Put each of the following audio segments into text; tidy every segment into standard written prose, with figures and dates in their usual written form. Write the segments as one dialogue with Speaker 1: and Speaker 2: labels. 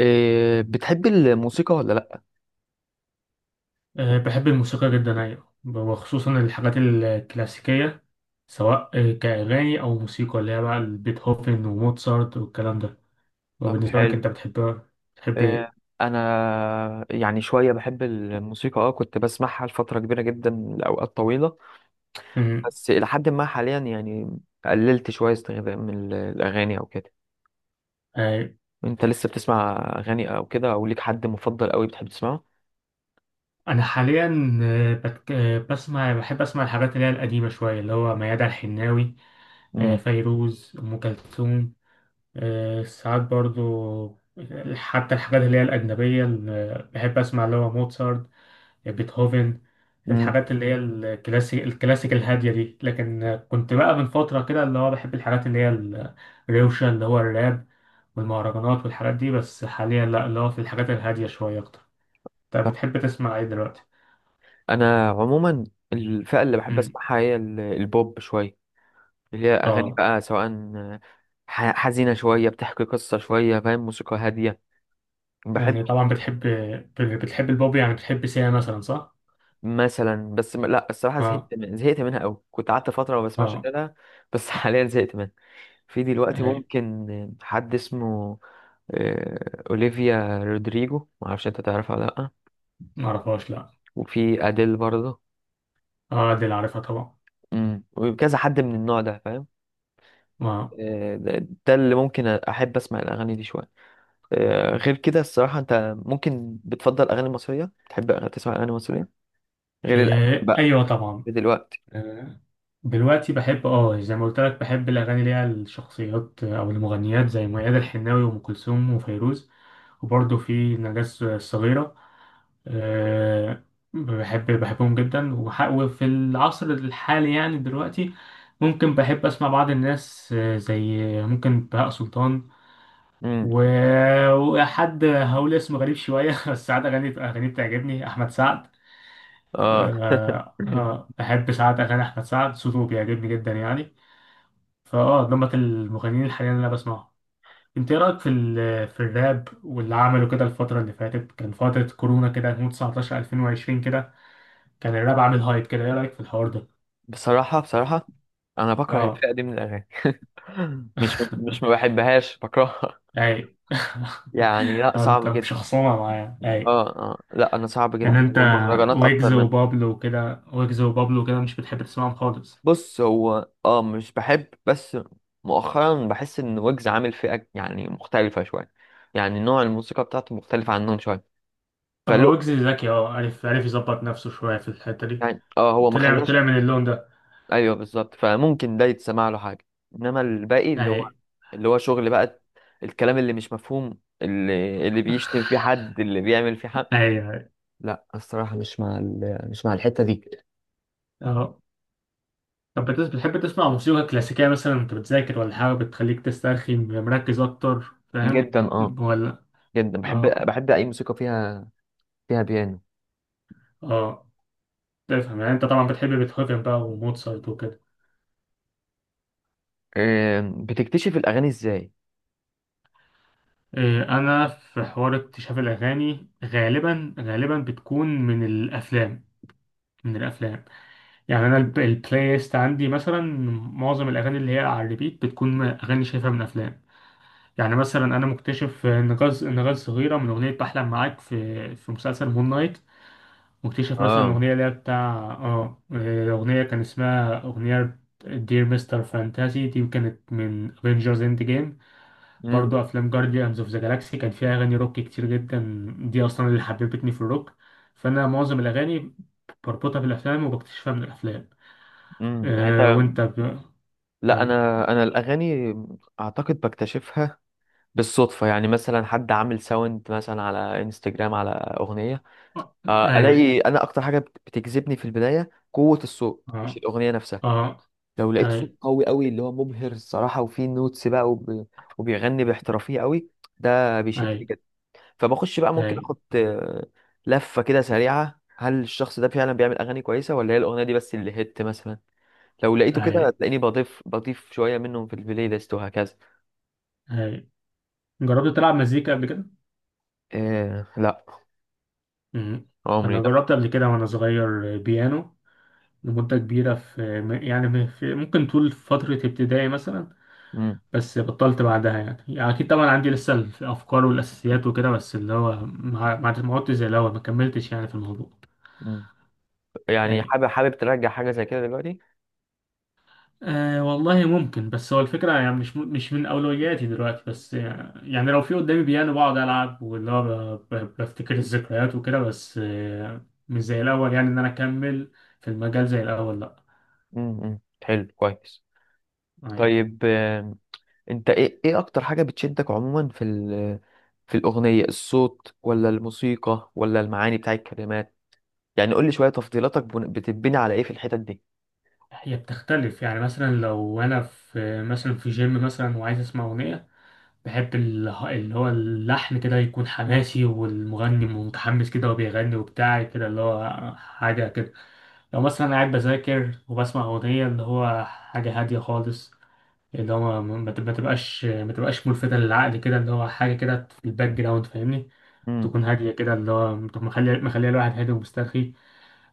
Speaker 1: إيه بتحب الموسيقى ولا لأ؟
Speaker 2: بحب الموسيقى جدا، أيوة، وخصوصا الحاجات الكلاسيكية سواء كأغاني أو موسيقى اللي هي بقى بيتهوفن وموتسارت والكلام ده.
Speaker 1: طب
Speaker 2: وبالنسبة لك
Speaker 1: حلو.
Speaker 2: أنت بتحب، بتحب
Speaker 1: إيه
Speaker 2: إيه؟
Speaker 1: أنا يعني شوية بحب الموسيقى كنت بسمعها لفترة كبيرة جدا لأوقات طويلة،
Speaker 2: أمم،
Speaker 1: بس إلى حد ما حاليا يعني قللت شوية استخدام من الأغاني أو كده.
Speaker 2: أه،
Speaker 1: أنت لسه بتسمع أغاني أو كده، أو ليك حد مفضل أوي بتحب تسمعه؟
Speaker 2: أنا حاليا أه، بت- أه، بسمع بحب أسمع الحاجات اللي هي القديمة شوية، اللي هو ميادة الحناوي،
Speaker 1: مم.
Speaker 2: فيروز، أم كلثوم. ساعات برضو حتى الحاجات اللي هي الأجنبية اللي بحب أسمع، اللي هو موتسارت يعني، بيتهوفن.
Speaker 1: مم.
Speaker 2: الحاجات اللي هي الكلاسيك الكلاسيك الهادية دي. لكن كنت بقى من فترة كده اللي هو بحب الحاجات اللي هي الروشة، اللي هو الراب والمهرجانات والحاجات دي، بس حاليا لا، اللي هو في الحاجات الهادية شوية أكتر. طب
Speaker 1: طب
Speaker 2: بتحب تسمع إيه دلوقتي؟
Speaker 1: أنا عموما الفئة اللي بحب
Speaker 2: امم.
Speaker 1: أسمعها هي البوب شوية، اللي هي أغاني
Speaker 2: اه.
Speaker 1: بقى، سواء حزينة شوية بتحكي قصة شوية، فاهم، موسيقى هادية بحب.
Speaker 2: يعني طبعا بتحب، بتحب البوب، يعني بتحب سيا مثلا، صح؟
Speaker 1: مثلا، بس لا الصراحه
Speaker 2: اه.
Speaker 1: زهقت زهقت منها قوي، كنت قعدت فتره ما بسمعش
Speaker 2: اه.
Speaker 1: اغانيها، بس حاليا زهقت منها. في دلوقتي
Speaker 2: اي.
Speaker 1: ممكن حد اسمه اوليفيا رودريجو، ما اعرفش انت تعرفها ولا لا.
Speaker 2: معرفهاش، لا.
Speaker 1: وفي اديل برضه.
Speaker 2: اه، دي اللي عارفها طبعا.
Speaker 1: امم، وكذا حد من النوع ده، فاهم،
Speaker 2: اه.
Speaker 1: ده اللي ممكن احب اسمع الاغاني دي شويه. غير كده الصراحه انت ممكن بتفضل اغاني مصريه، تحب تسمع اغاني مصريه غير الاجنبي
Speaker 2: إيه،
Speaker 1: بقى
Speaker 2: ايوه طبعا.
Speaker 1: دلوقتي؟
Speaker 2: آه، دلوقتي بحب، اه زي ما قلت لك، بحب الاغاني اللي هي الشخصيات او المغنيات زي ميادة الحناوي وام كلثوم وفيروز، وبرضه في نجاة الصغيرة. أه، بحب، بحبهم جدا. وفي العصر الحالي يعني دلوقتي، ممكن بحب اسمع بعض الناس زي ممكن بهاء سلطان.
Speaker 1: امم.
Speaker 2: و- وحد هقول اسمه غريب شوية بس ساعات أغاني أغاني بتعجبني، أحمد سعد.
Speaker 1: اه
Speaker 2: بحب ساعات أغاني أحمد سعد، صوته بيعجبني جدا يعني. دمت المغنيين الحاليين اللي أنا بسمعهم. أنت إيه رأيك في الراب واللي عمله كده الفترة اللي فاتت؟ كان فترة كورونا كده، 2019 2020 كده، كان الراب عامل هايب كده. إيه رأيك في الحوار ده؟
Speaker 1: بصراحة، بصراحة أنا بكره
Speaker 2: أه
Speaker 1: الفئة دي من الأغاني مش ما بحبهاش، بكرهها.
Speaker 2: أي
Speaker 1: يعني لا،
Speaker 2: أنت
Speaker 1: صعب جدا.
Speaker 2: مش خصومة معايا؟ أي.
Speaker 1: اه اه، لا أنا صعب
Speaker 2: إن
Speaker 1: جدا،
Speaker 2: أنت،
Speaker 1: والمهرجانات
Speaker 2: ويجز
Speaker 1: أكتر منها.
Speaker 2: وبابلو وكده، ويجز وبابلو كده مش بتحب تسمعهم خالص؟
Speaker 1: بص هو اه مش بحب، بس مؤخرا بحس إن ويجز عامل فئة يعني مختلفة شوية، يعني نوع الموسيقى بتاعته مختلف عنهم شوية،
Speaker 2: هو
Speaker 1: فلو
Speaker 2: ويجز ذكي، أه، عارف، عارف يظبط نفسه شوية في الحتة دي.
Speaker 1: يعني اه هو ما
Speaker 2: طلع طلع
Speaker 1: خلاش.
Speaker 2: من اللون ده.
Speaker 1: ايوه بالظبط، فممكن ده يتسمع له حاجه، انما الباقي اللي هو،
Speaker 2: اهي،
Speaker 1: اللي هو شغل بقى، الكلام اللي مش مفهوم، اللي بيشتم فيه حد، اللي بيعمل فيه حد،
Speaker 2: اهي، اهي.
Speaker 1: لا الصراحه مش مع مش مع الحته دي.
Speaker 2: اهو. طب بتحب تسمع موسيقى كلاسيكية مثلا وانت بتذاكر، ولا حاجة بتخليك تسترخي، مركز أكتر، فاهم؟
Speaker 1: جدا اه،
Speaker 2: ولا.
Speaker 1: جدا
Speaker 2: اه.
Speaker 1: بحب. بحب اي موسيقى فيها، فيها بيانو.
Speaker 2: اه. تفهم يعني، انت طبعا بتحب بيتهوفن بقى وموتسارت وكده.
Speaker 1: آم، بتكتشف الاغاني ازاي؟
Speaker 2: إيه، انا في حوار اكتشاف الأغاني غالبا، غالبا بتكون من الأفلام، من الأفلام. يعني أنا البلاي ليست عندي مثلا، معظم الأغاني اللي هي على الريبيت بتكون أغاني شايفها من أفلام. يعني مثلا انا مكتشف نغاز، نغاز صغيره من اغنيه بحلم معاك في في مسلسل مون نايت. مكتشف مثلا
Speaker 1: اه.
Speaker 2: اغنيه اللي هي بتاع اه اغنيه كان اسمها اغنيه دير مستر فانتازي، دي كانت من افنجرز اند جيم.
Speaker 1: امم.
Speaker 2: برضو افلام جارديانز اوف ذا جالاكسي كان فيها اغاني روك كتير جدا، دي اصلا اللي حببتني في الروك. فانا معظم الاغاني بربطها بالافلام وبكتشفها من الافلام.
Speaker 1: يعني انت،
Speaker 2: أه وانت ب...
Speaker 1: لا
Speaker 2: كمل.
Speaker 1: انا الاغاني اعتقد بكتشفها بالصدفه. يعني مثلا حد عامل ساوند مثلا على انستجرام على اغنيه،
Speaker 2: آه، اي.
Speaker 1: الاقي انا اكتر حاجه بتجذبني في البدايه قوه الصوت، مش
Speaker 2: اه.
Speaker 1: الاغنيه نفسها.
Speaker 2: اه.
Speaker 1: لو لقيت صوت
Speaker 2: اي.
Speaker 1: قوي اللي هو مبهر الصراحه، وفيه نوتس بقى وبيغني باحترافيه قوي، ده بيشدني
Speaker 2: اي.
Speaker 1: جدا. فبخش بقى،
Speaker 2: اي.
Speaker 1: ممكن اخد لفه كده سريعه، هل الشخص ده فعلا بيعمل اغاني كويسه، ولا هي الاغنيه دي بس اللي هت مثلا. لو لقيته كده،
Speaker 2: اي.
Speaker 1: هتلاقيني بضيف شويه منهم في البلاي ليست وهكذا.
Speaker 2: أي. جربت تلعب مزيكا قبل كده؟
Speaker 1: إيه لا،
Speaker 2: مم.
Speaker 1: عمري
Speaker 2: أنا
Speaker 1: لا.
Speaker 2: جربت قبل كده وأنا صغير بيانو لمدة كبيرة، يعني في ممكن طول فترة ابتدائي مثلا.
Speaker 1: مم.
Speaker 2: بس بطلت بعدها يعني, يعني أكيد طبعا عندي لسه الأفكار والأساسيات وكده، بس اللي هو ما عدتش زي الأول، ما كملتش يعني في الموضوع.
Speaker 1: مم. يعني
Speaker 2: أي.
Speaker 1: حابب، حابب ترجع حاجه زي كده دلوقتي؟
Speaker 2: آه والله ممكن، بس هو الفكرة يعني مش مش من أولوياتي دلوقتي. بس يعني, يعني لو في قدامي بيانو بقعد ألعب، واللي هو بفتكر الذكريات وكده، بس آه مش زي الأول يعني إن أنا أكمل في المجال زي الأول، لأ.
Speaker 1: مم. مم. حلو كويس.
Speaker 2: أيوة.
Speaker 1: طيب آم، انت ايه، ايه اكتر حاجة بتشدك عموما في في الأغنية، الصوت ولا الموسيقى ولا المعاني بتاع الكلمات؟ يعني قول لي شوية تفضيلاتك، بتبني على ايه في الحتت دي؟
Speaker 2: هي بتختلف، يعني مثلا لو أنا في مثلا في جيم مثلا وعايز أسمع أغنية، بحب اللي هو اللحن كده يكون حماسي، والمغني متحمس كده وبيغني وبتاع كده، اللي هو حاجة كده. لو مثلا أنا قاعد بذاكر وبسمع أغنية، اللي هو حاجة هادية خالص، اللي هو ما تبقاش ما تبقاش ملفتة للعقل كده، اللي هو حاجة كده في الباك جراوند، فاهمني؟
Speaker 1: امم.
Speaker 2: تكون هادية كده، اللي هو تكون مخلية مخلية الواحد هادي ومسترخي.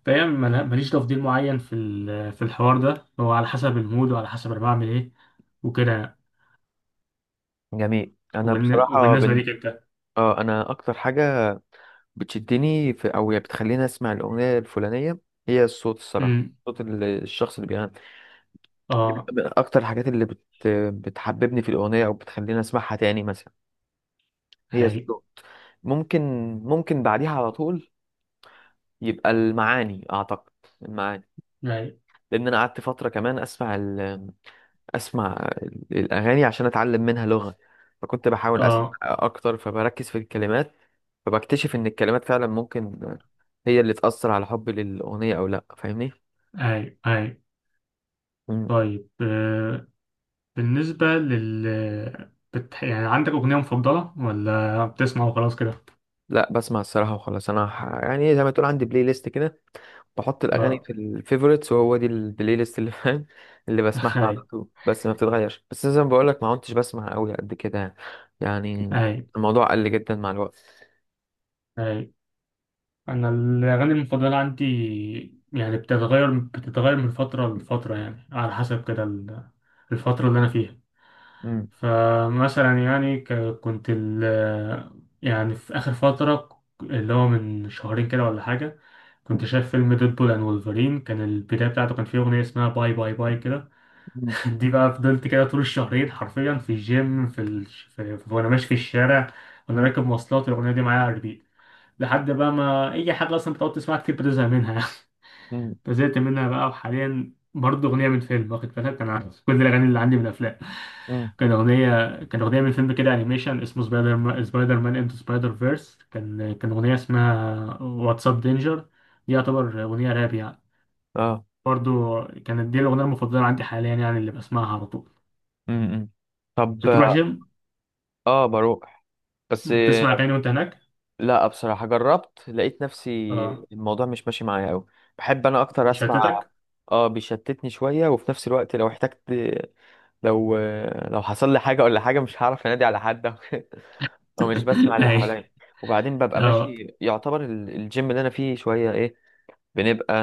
Speaker 2: فهي ماليش تفضيل معين في الحوار ده، هو على حسب المود وعلى حسب أنا بعمل إيه وكده.
Speaker 1: جميل. انا بصراحة
Speaker 2: وبالنسبة ليك أنت؟
Speaker 1: اه انا اكتر حاجة بتشدني في او يعني بتخليني اسمع الأغنية الفلانية، هي الصوت، الصراحة
Speaker 2: أمم،
Speaker 1: صوت الشخص اللي بيغني. دي
Speaker 2: آه.
Speaker 1: من اكتر الحاجات بتحببني في الأغنية او بتخليني اسمعها تاني مثلا، هي
Speaker 2: هاي.
Speaker 1: الصوت. ممكن ممكن بعديها على طول يبقى المعاني، اعتقد المعاني.
Speaker 2: هاي.
Speaker 1: لان انا قعدت فتره كمان اسمع الاغاني عشان اتعلم منها لغه، فكنت بحاول اسمع
Speaker 2: آه.
Speaker 1: اكتر فبركز في الكلمات، فبكتشف ان الكلمات فعلا ممكن هي اللي تاثر على حبي للاغنيه او لا، فاهمني؟
Speaker 2: هاي. هاي.
Speaker 1: مم.
Speaker 2: طيب بالنسبة لل، بت... يعني عندك أغنية مفضلة ولا بتسمع وخلاص كده؟
Speaker 1: لا بسمع الصراحه وخلاص. انا يعني زي ما تقول عندي بلاي ليست كده، بحط الاغاني
Speaker 2: اه
Speaker 1: في الفيفوريتس، وهو دي البلاي ليست اللي فاهم، اللي بسمعها على
Speaker 2: هاي.
Speaker 1: طول، بس ما بتتغيرش. بس زي ما بقول لك، ما كنتش بسمع قوي قد كده يعني. يعني
Speaker 2: هاي.
Speaker 1: الموضوع قل جدا مع الوقت.
Speaker 2: هاي. أنا الأغاني المفضلة عندي يعني بتتغير بتتغير من فترة لفترة، يعني على حسب كده الفترة اللي أنا فيها.
Speaker 1: امم.
Speaker 2: فمثلا يعني كنت ال... يعني في آخر فترة، اللي هو من شهرين كده ولا حاجة، كنت شايف فيلم ديدبول اند وولفرين، كان البداية بتاعته كان فيه أغنية اسمها باي باي باي كده.
Speaker 1: امم.
Speaker 2: دي بقى فضلت كده طول الشهرين حرفيا في الجيم، في, ال... في... في... وانا ماشي في الشارع، وانا
Speaker 1: امم.
Speaker 2: راكب مواصلات، الاغنيه دي معايا على الريبيت، لحد بقى ما، اي حاجه اصلا بتقعد تسمعها كتير بتزهق منها
Speaker 1: امم.
Speaker 2: فزهقت منها بقى. وحاليا برضه اغنيه من فيلم، واخد بالك، انا كل الاغاني اللي عندي من افلام.
Speaker 1: أمم.
Speaker 2: كان اغنيه من فيلم كده انيميشن اسمه سبايدر مان، سبايدر مان انتو سبايدر فيرس، كان كان اغنيه اسمها واتساب دينجر. دي يعتبر اغنيه راب يعني.
Speaker 1: اه.
Speaker 2: برضه كانت دي الاغنيه المفضله عندي حاليا يعني، اللي بسمعها على طول.
Speaker 1: امم. طب
Speaker 2: بتروح جيم،
Speaker 1: اه بروح، بس.
Speaker 2: بتسمع اغاني وانت هناك؟
Speaker 1: لا بصراحة جربت، لقيت نفسي
Speaker 2: اه،
Speaker 1: الموضوع مش ماشي معايا قوي، بحب انا اكتر اسمع.
Speaker 2: يشتتك.
Speaker 1: اه بيشتتني شوية، وفي نفس الوقت لو احتجت، لو، لو حصل لي حاجة ولا حاجة، مش هعرف انادي على حد او مش بسمع اللي
Speaker 2: اي.
Speaker 1: حواليا. وبعدين ببقى
Speaker 2: اه.
Speaker 1: ماشي يعتبر الجيم اللي انا فيه شويه ايه، بنبقى،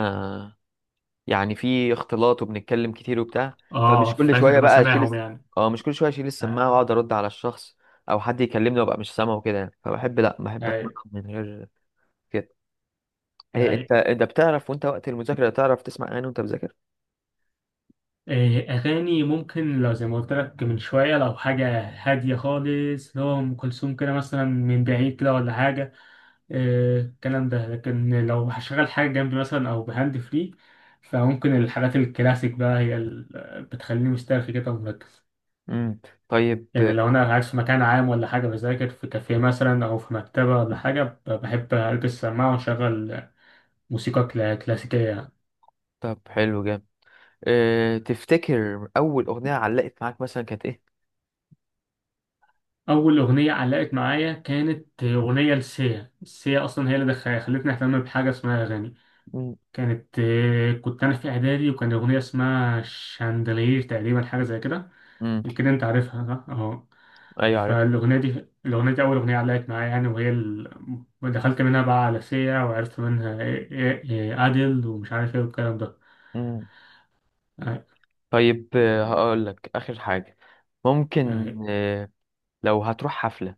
Speaker 1: يعني فيه اختلاط وبنتكلم كتير وبتاع،
Speaker 2: اه.
Speaker 1: فمش كل
Speaker 2: فلازم
Speaker 1: شويه
Speaker 2: تبقى
Speaker 1: بقى اشيل
Speaker 2: سامعهم يعني.
Speaker 1: اه مش كل شويه اشيل
Speaker 2: آه،
Speaker 1: السماعه واقعد ارد على الشخص، او حد يكلمني وابقى مش سامعه وكده يعني. فبحب، لا بحب
Speaker 2: اي.
Speaker 1: اتمرن من غير كده. إيه
Speaker 2: اي.
Speaker 1: انت، انت بتعرف وانت وقت المذاكره، تعرف تسمع اغاني وانت بتذاكر؟
Speaker 2: إيه، اغاني ممكن، لو زي ما قلت لك من شويه، لو حاجه هاديه خالص، لو ام كلثوم كده مثلا من بعيد كده ولا حاجه، إيه، الكلام ده. لكن لو هشغل حاجه جنبي مثلا او بهاند فري، فممكن الحاجات الكلاسيك بقى هي اللي بتخليني مسترخي كده ومركز.
Speaker 1: امم. طيب.
Speaker 2: يعني لو أنا قاعد في مكان عام ولا حاجة بذاكر في كافيه مثلا أو في مكتبة ولا حاجة، بحب ألبس سماعة وأشغل موسيقى كلاسيكية يعني.
Speaker 1: طب حلو جامد. إيه تفتكر اول اغنيه علقت معاك مثلا كانت ايه؟
Speaker 2: أول أغنية علقت معايا كانت أغنية لسيا، سيا أصلا هي اللي خلتني أهتم بحاجة اسمها أغاني. كانت آه، كنت أنا في إعدادي، وكان أغنية اسمها شاندلير تقريبا، حاجة زي كده.
Speaker 1: امم.
Speaker 2: كده أنت عارفها صح؟ أهو.
Speaker 1: ايوه.
Speaker 2: فالأغنية دي الأغنية دي أول أغنية علقت معايا يعني، وهي ال... دخلت منها بقى على سيا، وعرفت منها إيه، أديل ومش عارف إيه والكلام ده.
Speaker 1: عارف.
Speaker 2: آه.
Speaker 1: طيب هقول لك آخر حاجة. ممكن
Speaker 2: آه.
Speaker 1: آه، لو هتروح حفلة،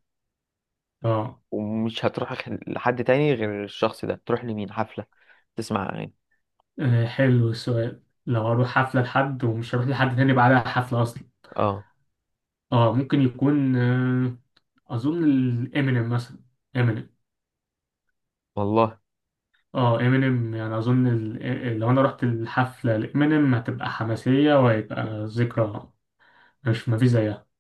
Speaker 2: آه،
Speaker 1: ومش هتروح لحد تاني غير الشخص ده، تروح لمين حفلة تسمع أغاني؟
Speaker 2: حلو السؤال. لو أروح حفلة لحد ومش هروح لحد تاني بعدها حفلة أصلا،
Speaker 1: اه
Speaker 2: آه ممكن يكون آه، أظن الإمينيم مثلا، إمينيم.
Speaker 1: والله
Speaker 2: آه، إمينيم يعني، أظن ال... إيه- لو أنا رحت الحفلة لإمينيم هتبقى حماسية، وهيبقى ذكرى مش، مفيش زيها.